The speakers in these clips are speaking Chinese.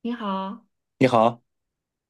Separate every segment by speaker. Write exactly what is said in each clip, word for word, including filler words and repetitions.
Speaker 1: 你好，
Speaker 2: 你好。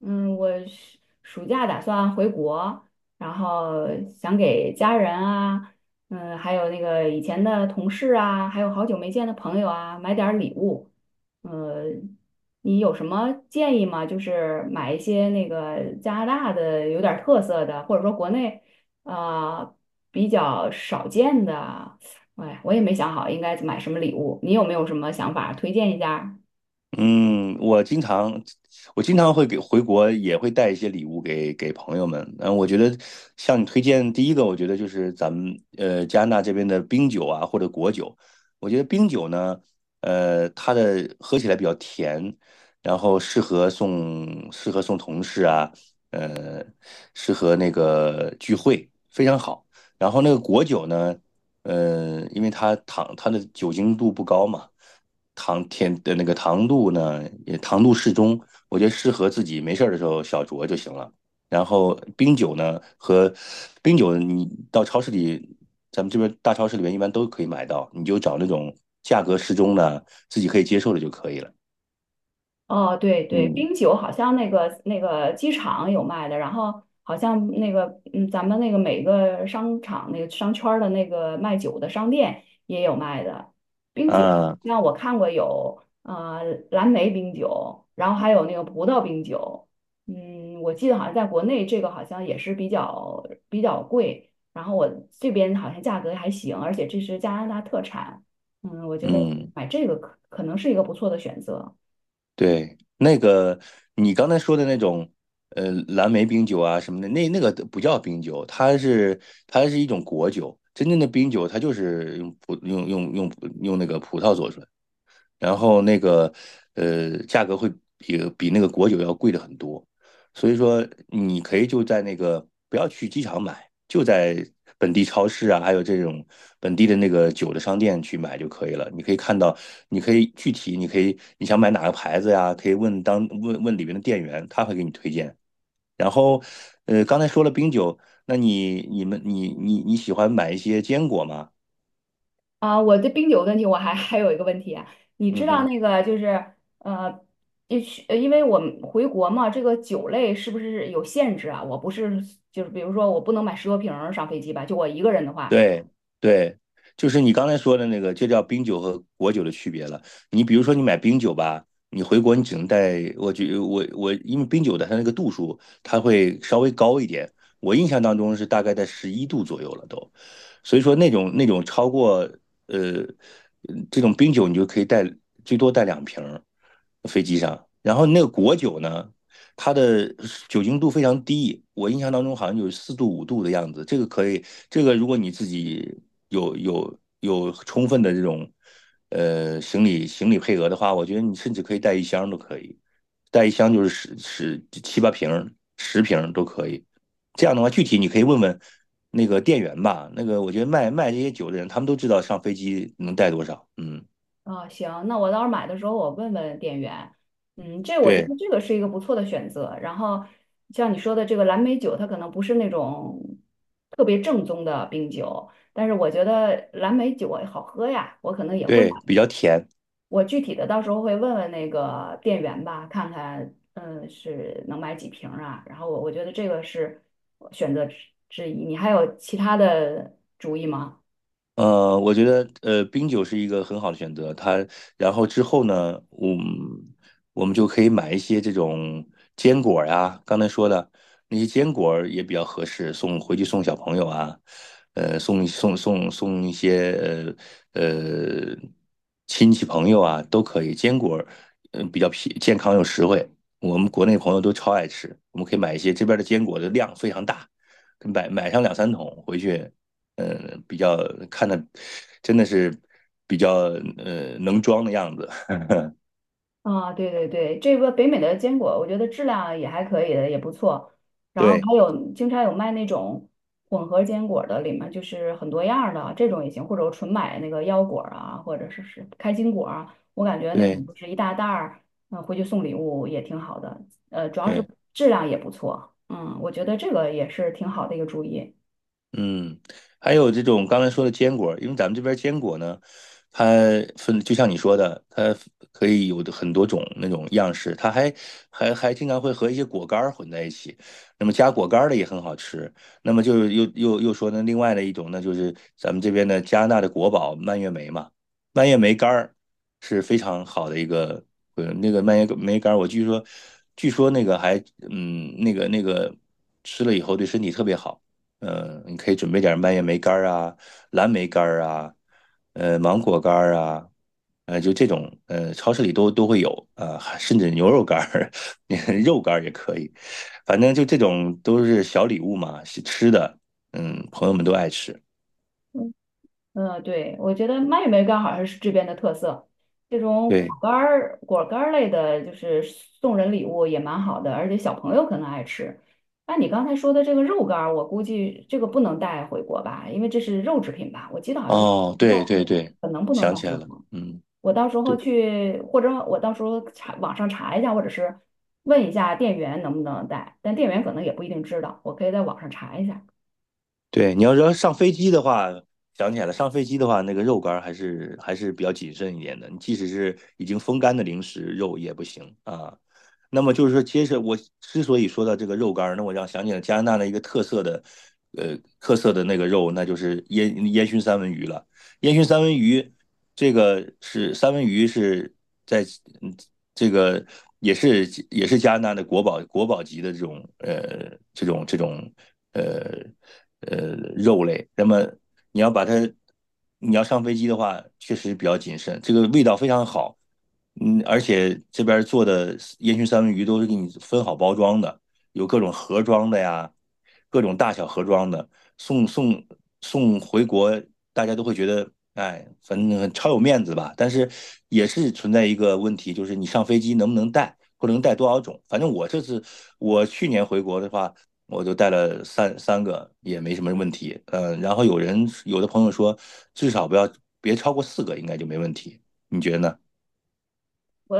Speaker 1: 嗯，我是暑假打算回国，然后想给家人啊，嗯，还有那个以前的同事啊，还有好久没见的朋友啊，买点儿礼物。呃，你有什么建议吗？就是买一些那个加拿大的有点儿特色的，或者说国内呃比较少见的。哎，我也没想好应该买什么礼物，你有没有什么想法？推荐一下。
Speaker 2: 嗯，我经常我经常会给回国，也会带一些礼物给给朋友们。嗯，我觉得向你推荐第一个，我觉得就是咱们呃加拿大这边的冰酒啊，或者果酒。我觉得冰酒呢，呃，它的喝起来比较甜，然后适合送适合送同事啊，呃，适合那个聚会，非常好。然后那个果酒呢，呃，因为它糖它的酒精度不高嘛。糖甜的那个糖度呢，也糖度适中，我觉得适合自己没事儿的时候小酌就行了。然后冰酒呢，和冰酒你到超市里，咱们这边大超市里面一般都可以买到，你就找那种价格适中的，自己可以接受的就可以了。
Speaker 1: 哦，对对，
Speaker 2: 嗯
Speaker 1: 冰酒好像那个那个机场有卖的，然后好像那个嗯，咱们那个每个商场那个商圈儿的那个卖酒的商店也有卖的冰酒，
Speaker 2: 啊，
Speaker 1: 像我看过有呃蓝莓冰酒，然后还有那个葡萄冰酒，嗯，我记得好像在国内这个好像也是比较比较贵，然后我这边好像价格还行，而且这是加拿大特产，嗯，我觉得
Speaker 2: 嗯。
Speaker 1: 买这个可可能是一个不错的选择。
Speaker 2: 对，那个你刚才说的那种，呃，蓝莓冰酒啊什么的，那那个不叫冰酒，它是它是一种果酒。真正的冰酒，它就是用葡用用用用那个葡萄做出来。然后那个呃价格会比比那个果酒要贵的很多，所以说你可以就在那个不要去机场买，就在本地超市啊，还有这种本地的那个酒的商店去买就可以了。你可以看到，你可以具体，你可以你想买哪个牌子呀，可以问当问问里面的店员，他会给你推荐。然后呃刚才说了冰酒，那你你们你你你喜欢买一些坚果吗？
Speaker 1: 啊，我的冰酒的问题，我还还有一个问题啊，你
Speaker 2: 嗯
Speaker 1: 知道
Speaker 2: 哼。
Speaker 1: 那个就是呃，也许呃因为我们回国嘛，这个酒类是不是有限制啊？我不是就是比如说我不能买十多瓶儿上飞机吧？就我一个人的话，
Speaker 2: 对对，就是你刚才说的那个，就叫冰酒和果酒的区别了。你比如说，你买冰酒吧，你回国你只能带，我觉我我，因为冰酒的它那个度数，它会稍微高一点。我印象当中是大概在十一度左右了都，所以说那种那种超过呃这种冰酒，你就可以带最多带两瓶儿飞机上。然后那个果酒呢，它的酒精度非常低，我印象当中好像有四度五度的样子。这个可以，这个如果你自己有有有充分的这种呃行李行李配额的话，我觉得你甚至可以带一箱都可以，带一箱就是十十七八瓶十瓶都可以。这样的话，具体你可以问问那个店员吧。那个我觉得卖卖这些酒的人，他们都知道上飞机能带多少。嗯，
Speaker 1: 啊，行，那我到时候买的时候我问问店员，嗯，这我觉
Speaker 2: 对
Speaker 1: 得这个是一个不错的选择。然后像你说的这个蓝莓酒，它可能不是那种特别正宗的冰酒，但是我觉得蓝莓酒好喝呀，我可能也会买。
Speaker 2: 对，比较甜。
Speaker 1: 我具体的到时候会问问那个店员吧，看看嗯是能买几瓶儿啊。然后我我觉得这个是选择之之一，你还有其他的主意吗？
Speaker 2: 呃，我觉得呃，冰酒是一个很好的选择。它，然后之后呢，我们我们就可以买一些这种坚果儿呀，刚才说的那些坚果儿也比较合适，送回去送小朋友啊，呃，送送送送一些呃呃亲戚朋友啊都可以。坚果儿，嗯、比较便健康又实惠，我们国内朋友都超爱吃。我们可以买一些这边儿的坚果的量非常大，买买上两三桶回去。呃，比较看的真的是比较呃能装的样子。
Speaker 1: 啊，对对对，这个北美的坚果，我觉得质量也还可以的，也不错。然后
Speaker 2: 对
Speaker 1: 还有经常有卖那种混合坚果的，里面就是很多样儿的，这种也行，或者我纯买那个腰果儿啊，或者是是开心果啊，我感觉那
Speaker 2: 对
Speaker 1: 种就是一大袋儿，嗯、回去送礼物也挺好的。呃，主要是
Speaker 2: 对。
Speaker 1: 质量也不错，嗯，我觉得这个也是挺好的一个主意。
Speaker 2: 嗯，还有这种刚才说的坚果，因为咱们这边坚果呢，它分就像你说的，它可以有的很多种那种样式，它还还还经常会和一些果干儿混在一起，那么加果干儿的也很好吃。那么就是又又又说呢，另外的一种呢，就是咱们这边的加拿大的国宝蔓越莓嘛，蔓越莓干儿是非常好的一个，呃，那个蔓越莓干儿，我据说据说那个还嗯那个那个吃了以后对身体特别好。嗯，你可以准备点蔓越莓干儿啊、蓝莓干儿啊、呃芒果干儿啊，呃就这种，呃超市里都都会有啊、还甚至牛肉干儿、肉干儿也可以，反正就这种都是小礼物嘛，是吃的，嗯，朋友们都爱吃。
Speaker 1: 嗯嗯，对，我觉得蔓越莓干好像是这边的特色。这种果
Speaker 2: 对，
Speaker 1: 干儿、果干儿类的，就是送人礼物也蛮好的，而且小朋友可能爱吃。那你刚才说的这个肉干儿，我估计这个不能带回国吧，因为这是肉制品吧？我记得好像是
Speaker 2: 哦，
Speaker 1: 带
Speaker 2: 对对
Speaker 1: 回
Speaker 2: 对，
Speaker 1: 可能不能
Speaker 2: 想
Speaker 1: 带
Speaker 2: 起
Speaker 1: 回
Speaker 2: 来了，
Speaker 1: 国。
Speaker 2: 嗯，
Speaker 1: 我到时候
Speaker 2: 对，
Speaker 1: 去，或者我到时候查网上查一下，或者是问一下店员能不能带，但店员可能也不一定知道，我可以在网上查一下。
Speaker 2: 对，你要说上飞机的话，想起来了，上飞机的话，那个肉干儿还是还是比较谨慎一点的。你即使是已经风干的零食，肉也不行啊。那么就是说，其实我之所以说到这个肉干儿，那我让想起了加拿大的一个特色的，呃，特色的那个肉，那就是烟烟熏三文鱼了。烟熏三文鱼，这个是三文鱼是在嗯这个也是也是加拿大的国宝国宝级的这种呃这种这种呃。呃肉类。那么你要把它，你要上飞机的话，确实比较谨慎。这个味道非常好，嗯，而且这边做的烟熏三文鱼都是给你分好包装的，有各种盒装的呀，各种大小盒装的，送送送回国，大家都会觉得。哎，反正超有面子吧，但是也是存在一个问题，就是你上飞机能不能带，或者能带多少种。反正我这次我去年回国的话，我就带了三三个，也没什么问题。嗯，然后有人有的朋友说，至少不要别超过四个，应该就没问题。你觉得呢？
Speaker 1: 我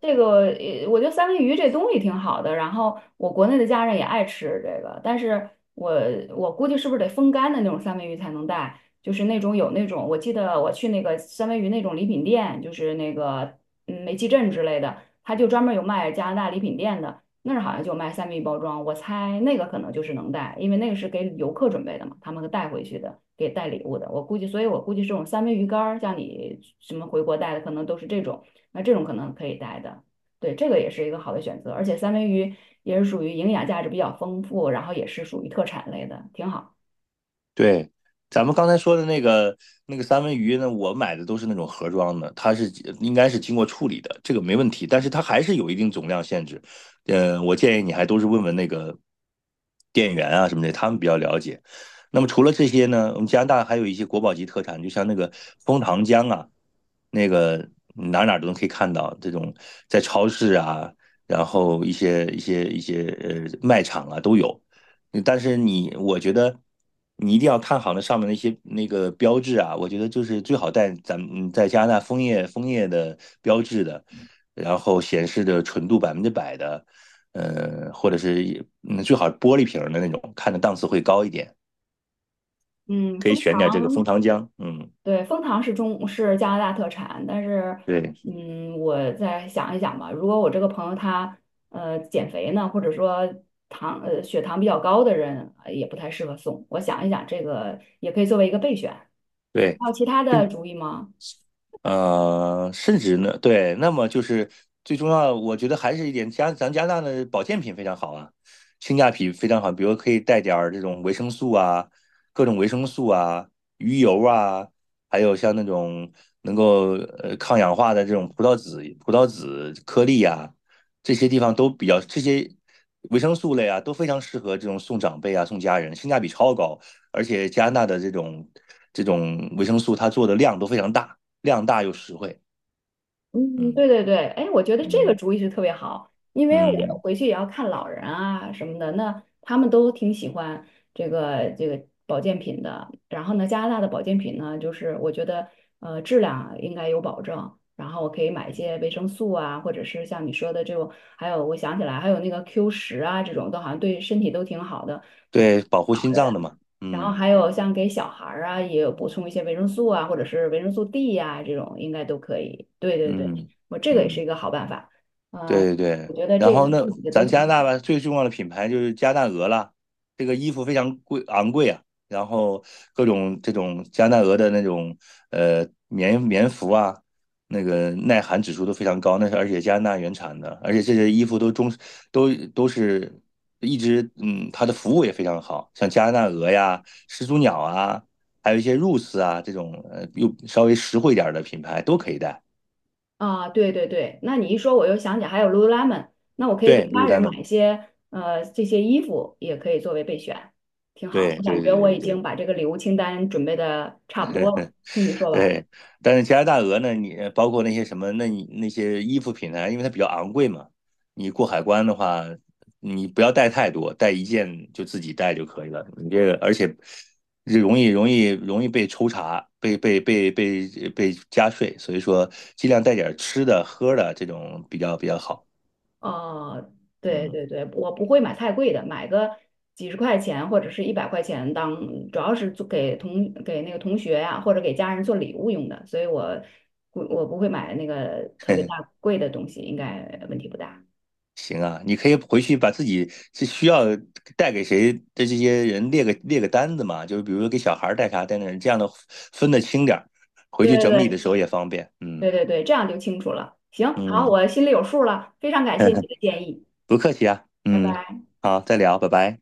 Speaker 1: 这个，呃我觉得三文鱼这东西挺好的，然后我国内的家人也爱吃这个，但是我我估计是不是得风干的那种三文鱼才能带，就是那种有那种，我记得我去那个三文鱼那种礼品店，就是那个嗯煤气镇之类的，他就专门有卖加拿大礼品店的，那儿好像就卖三文鱼包装，我猜那个可能就是能带，因为那个是给游客准备的嘛，他们带回去的，给带礼物的，我估计，所以我估计这种三文鱼干儿，像你什么回国带的，可能都是这种。那这种可能可以带的。对，这个也是一个好的选择，而且三文鱼也是属于营养价值比较丰富，然后也是属于特产类的，挺好。
Speaker 2: 对，咱们刚才说的那个那个三文鱼呢，我买的都是那种盒装的，它是应该是经过处理的，这个没问题，但是它还是有一定总量限制。嗯，我建议你还都是问问那个店员啊什么的，他们比较了解。那么除了这些呢，我们加拿大还有一些国宝级特产，就像那个枫糖浆啊，那个哪哪都能可以看到，这种在超市啊，然后一些一些一些呃卖场啊都有。但是你，我觉得你一定要看好那上面那些那个标志啊，我觉得就是最好带咱们嗯在加拿大枫叶枫叶的标志的，然后显示的纯度百分之百的，呃，或者是嗯最好是玻璃瓶儿的那种，看着档次会高一点。
Speaker 1: 嗯，
Speaker 2: 可以
Speaker 1: 蜂
Speaker 2: 选点这个
Speaker 1: 糖，
Speaker 2: 蜂糖浆，嗯，
Speaker 1: 对，蜂糖是中是加拿大特产，但是
Speaker 2: 对
Speaker 1: 嗯，我再想一想吧。如果我这个朋友他呃减肥呢，或者说糖呃血糖比较高的人，呃也不太适合送。我想一想，这个也可以作为一个备选。你
Speaker 2: 对，
Speaker 1: 还有其他
Speaker 2: 这
Speaker 1: 的主意吗？
Speaker 2: 呃，甚至呢，对，那么就是最重要的，我觉得还是一点加咱加拿大的保健品非常好啊，性价比非常好，比如可以带点儿这种维生素啊，各种维生素啊，鱼油啊，还有像那种能够呃抗氧化的这种葡萄籽、葡萄籽颗粒啊，这些地方都比较这些维生素类啊，都非常适合这种送长辈啊、送家人，性价比超高，而且加拿大的这种这种维生素它做的量都非常大。量大又实惠。
Speaker 1: 嗯，
Speaker 2: 嗯
Speaker 1: 对对对，哎，我觉得这个
Speaker 2: 嗯
Speaker 1: 主意是特别好，因为我
Speaker 2: 嗯，
Speaker 1: 回去也要看老人啊什么的，那他们都挺喜欢这个这个保健品的。然后呢，加拿大的保健品呢，就是我觉得呃质量应该有保证，然后我可以买一些维生素啊，或者是像你说的这种，还有我想起来还有那个 Q 十啊这种，都好像对身体都挺好的。
Speaker 2: 对，保护心脏的嘛。
Speaker 1: 然后
Speaker 2: 嗯
Speaker 1: 还有像给小孩儿啊，也有补充一些维生素啊，或者是维生素 D 呀、这种应该都可以。对对对，
Speaker 2: 嗯
Speaker 1: 我这个也是
Speaker 2: 嗯。
Speaker 1: 一个好办法啊、
Speaker 2: 对对
Speaker 1: 我
Speaker 2: 对，
Speaker 1: 觉得
Speaker 2: 然
Speaker 1: 这
Speaker 2: 后那
Speaker 1: 这几个都
Speaker 2: 咱加
Speaker 1: 挺
Speaker 2: 拿
Speaker 1: 好
Speaker 2: 大吧，最重要的品牌就是加拿大鹅啦，这个衣服非常贵昂贵啊，然后各种这种加拿大鹅的那种呃棉棉服啊，那个耐寒指数都非常高，那是而且加拿大原产的，而且这些衣服都中都都是一直嗯，它的服务也非常好，像加拿大鹅呀、始祖鸟啊，还有一些 Roots 啊这种呃又稍微实惠一点儿的品牌都可以带。
Speaker 1: 啊。对对对，那你一说我又想起还有 Lululemon，那我可以给
Speaker 2: 对
Speaker 1: 家人买
Speaker 2: ，Lululemon，
Speaker 1: 一些呃这些衣服，也可以作为备选，挺好。
Speaker 2: 对
Speaker 1: 我
Speaker 2: 对
Speaker 1: 感
Speaker 2: 对
Speaker 1: 觉
Speaker 2: 对
Speaker 1: 我
Speaker 2: 对
Speaker 1: 已
Speaker 2: 对。
Speaker 1: 经把这个礼物清单准备的差不多了，听你说完。
Speaker 2: 对，但是加拿大鹅呢，你包括那些什么，那你那些衣服品牌，因为它比较昂贵嘛，你过海关的话，你不要带太多，带一件就自己带就可以了。你这个，而且容易容易容易被抽查，被被被被被加税，所以说尽量带点吃的喝的这种比较比较好。
Speaker 1: 哦，对
Speaker 2: 嗯，
Speaker 1: 对对，我不会买太贵的，买个几十块钱或者是一百块钱当，主要是做给同给那个同学呀、或者给家人做礼物用的，所以我不我不会买那个特别大 贵的东西，应该问题不大。
Speaker 2: 行啊，你可以回去把自己是需要带给谁的这些人列个列个单子嘛，就是比如说给小孩儿带啥带那，这样的分得清点儿，回去
Speaker 1: 对对
Speaker 2: 整理的
Speaker 1: 对
Speaker 2: 时候也方便。嗯
Speaker 1: 对对对，这样就清楚了。行，好，
Speaker 2: 嗯，
Speaker 1: 我心里有数了，非常感谢你 的建议，
Speaker 2: 不客气啊。
Speaker 1: 拜
Speaker 2: 嗯，
Speaker 1: 拜。
Speaker 2: 好，再聊，拜拜。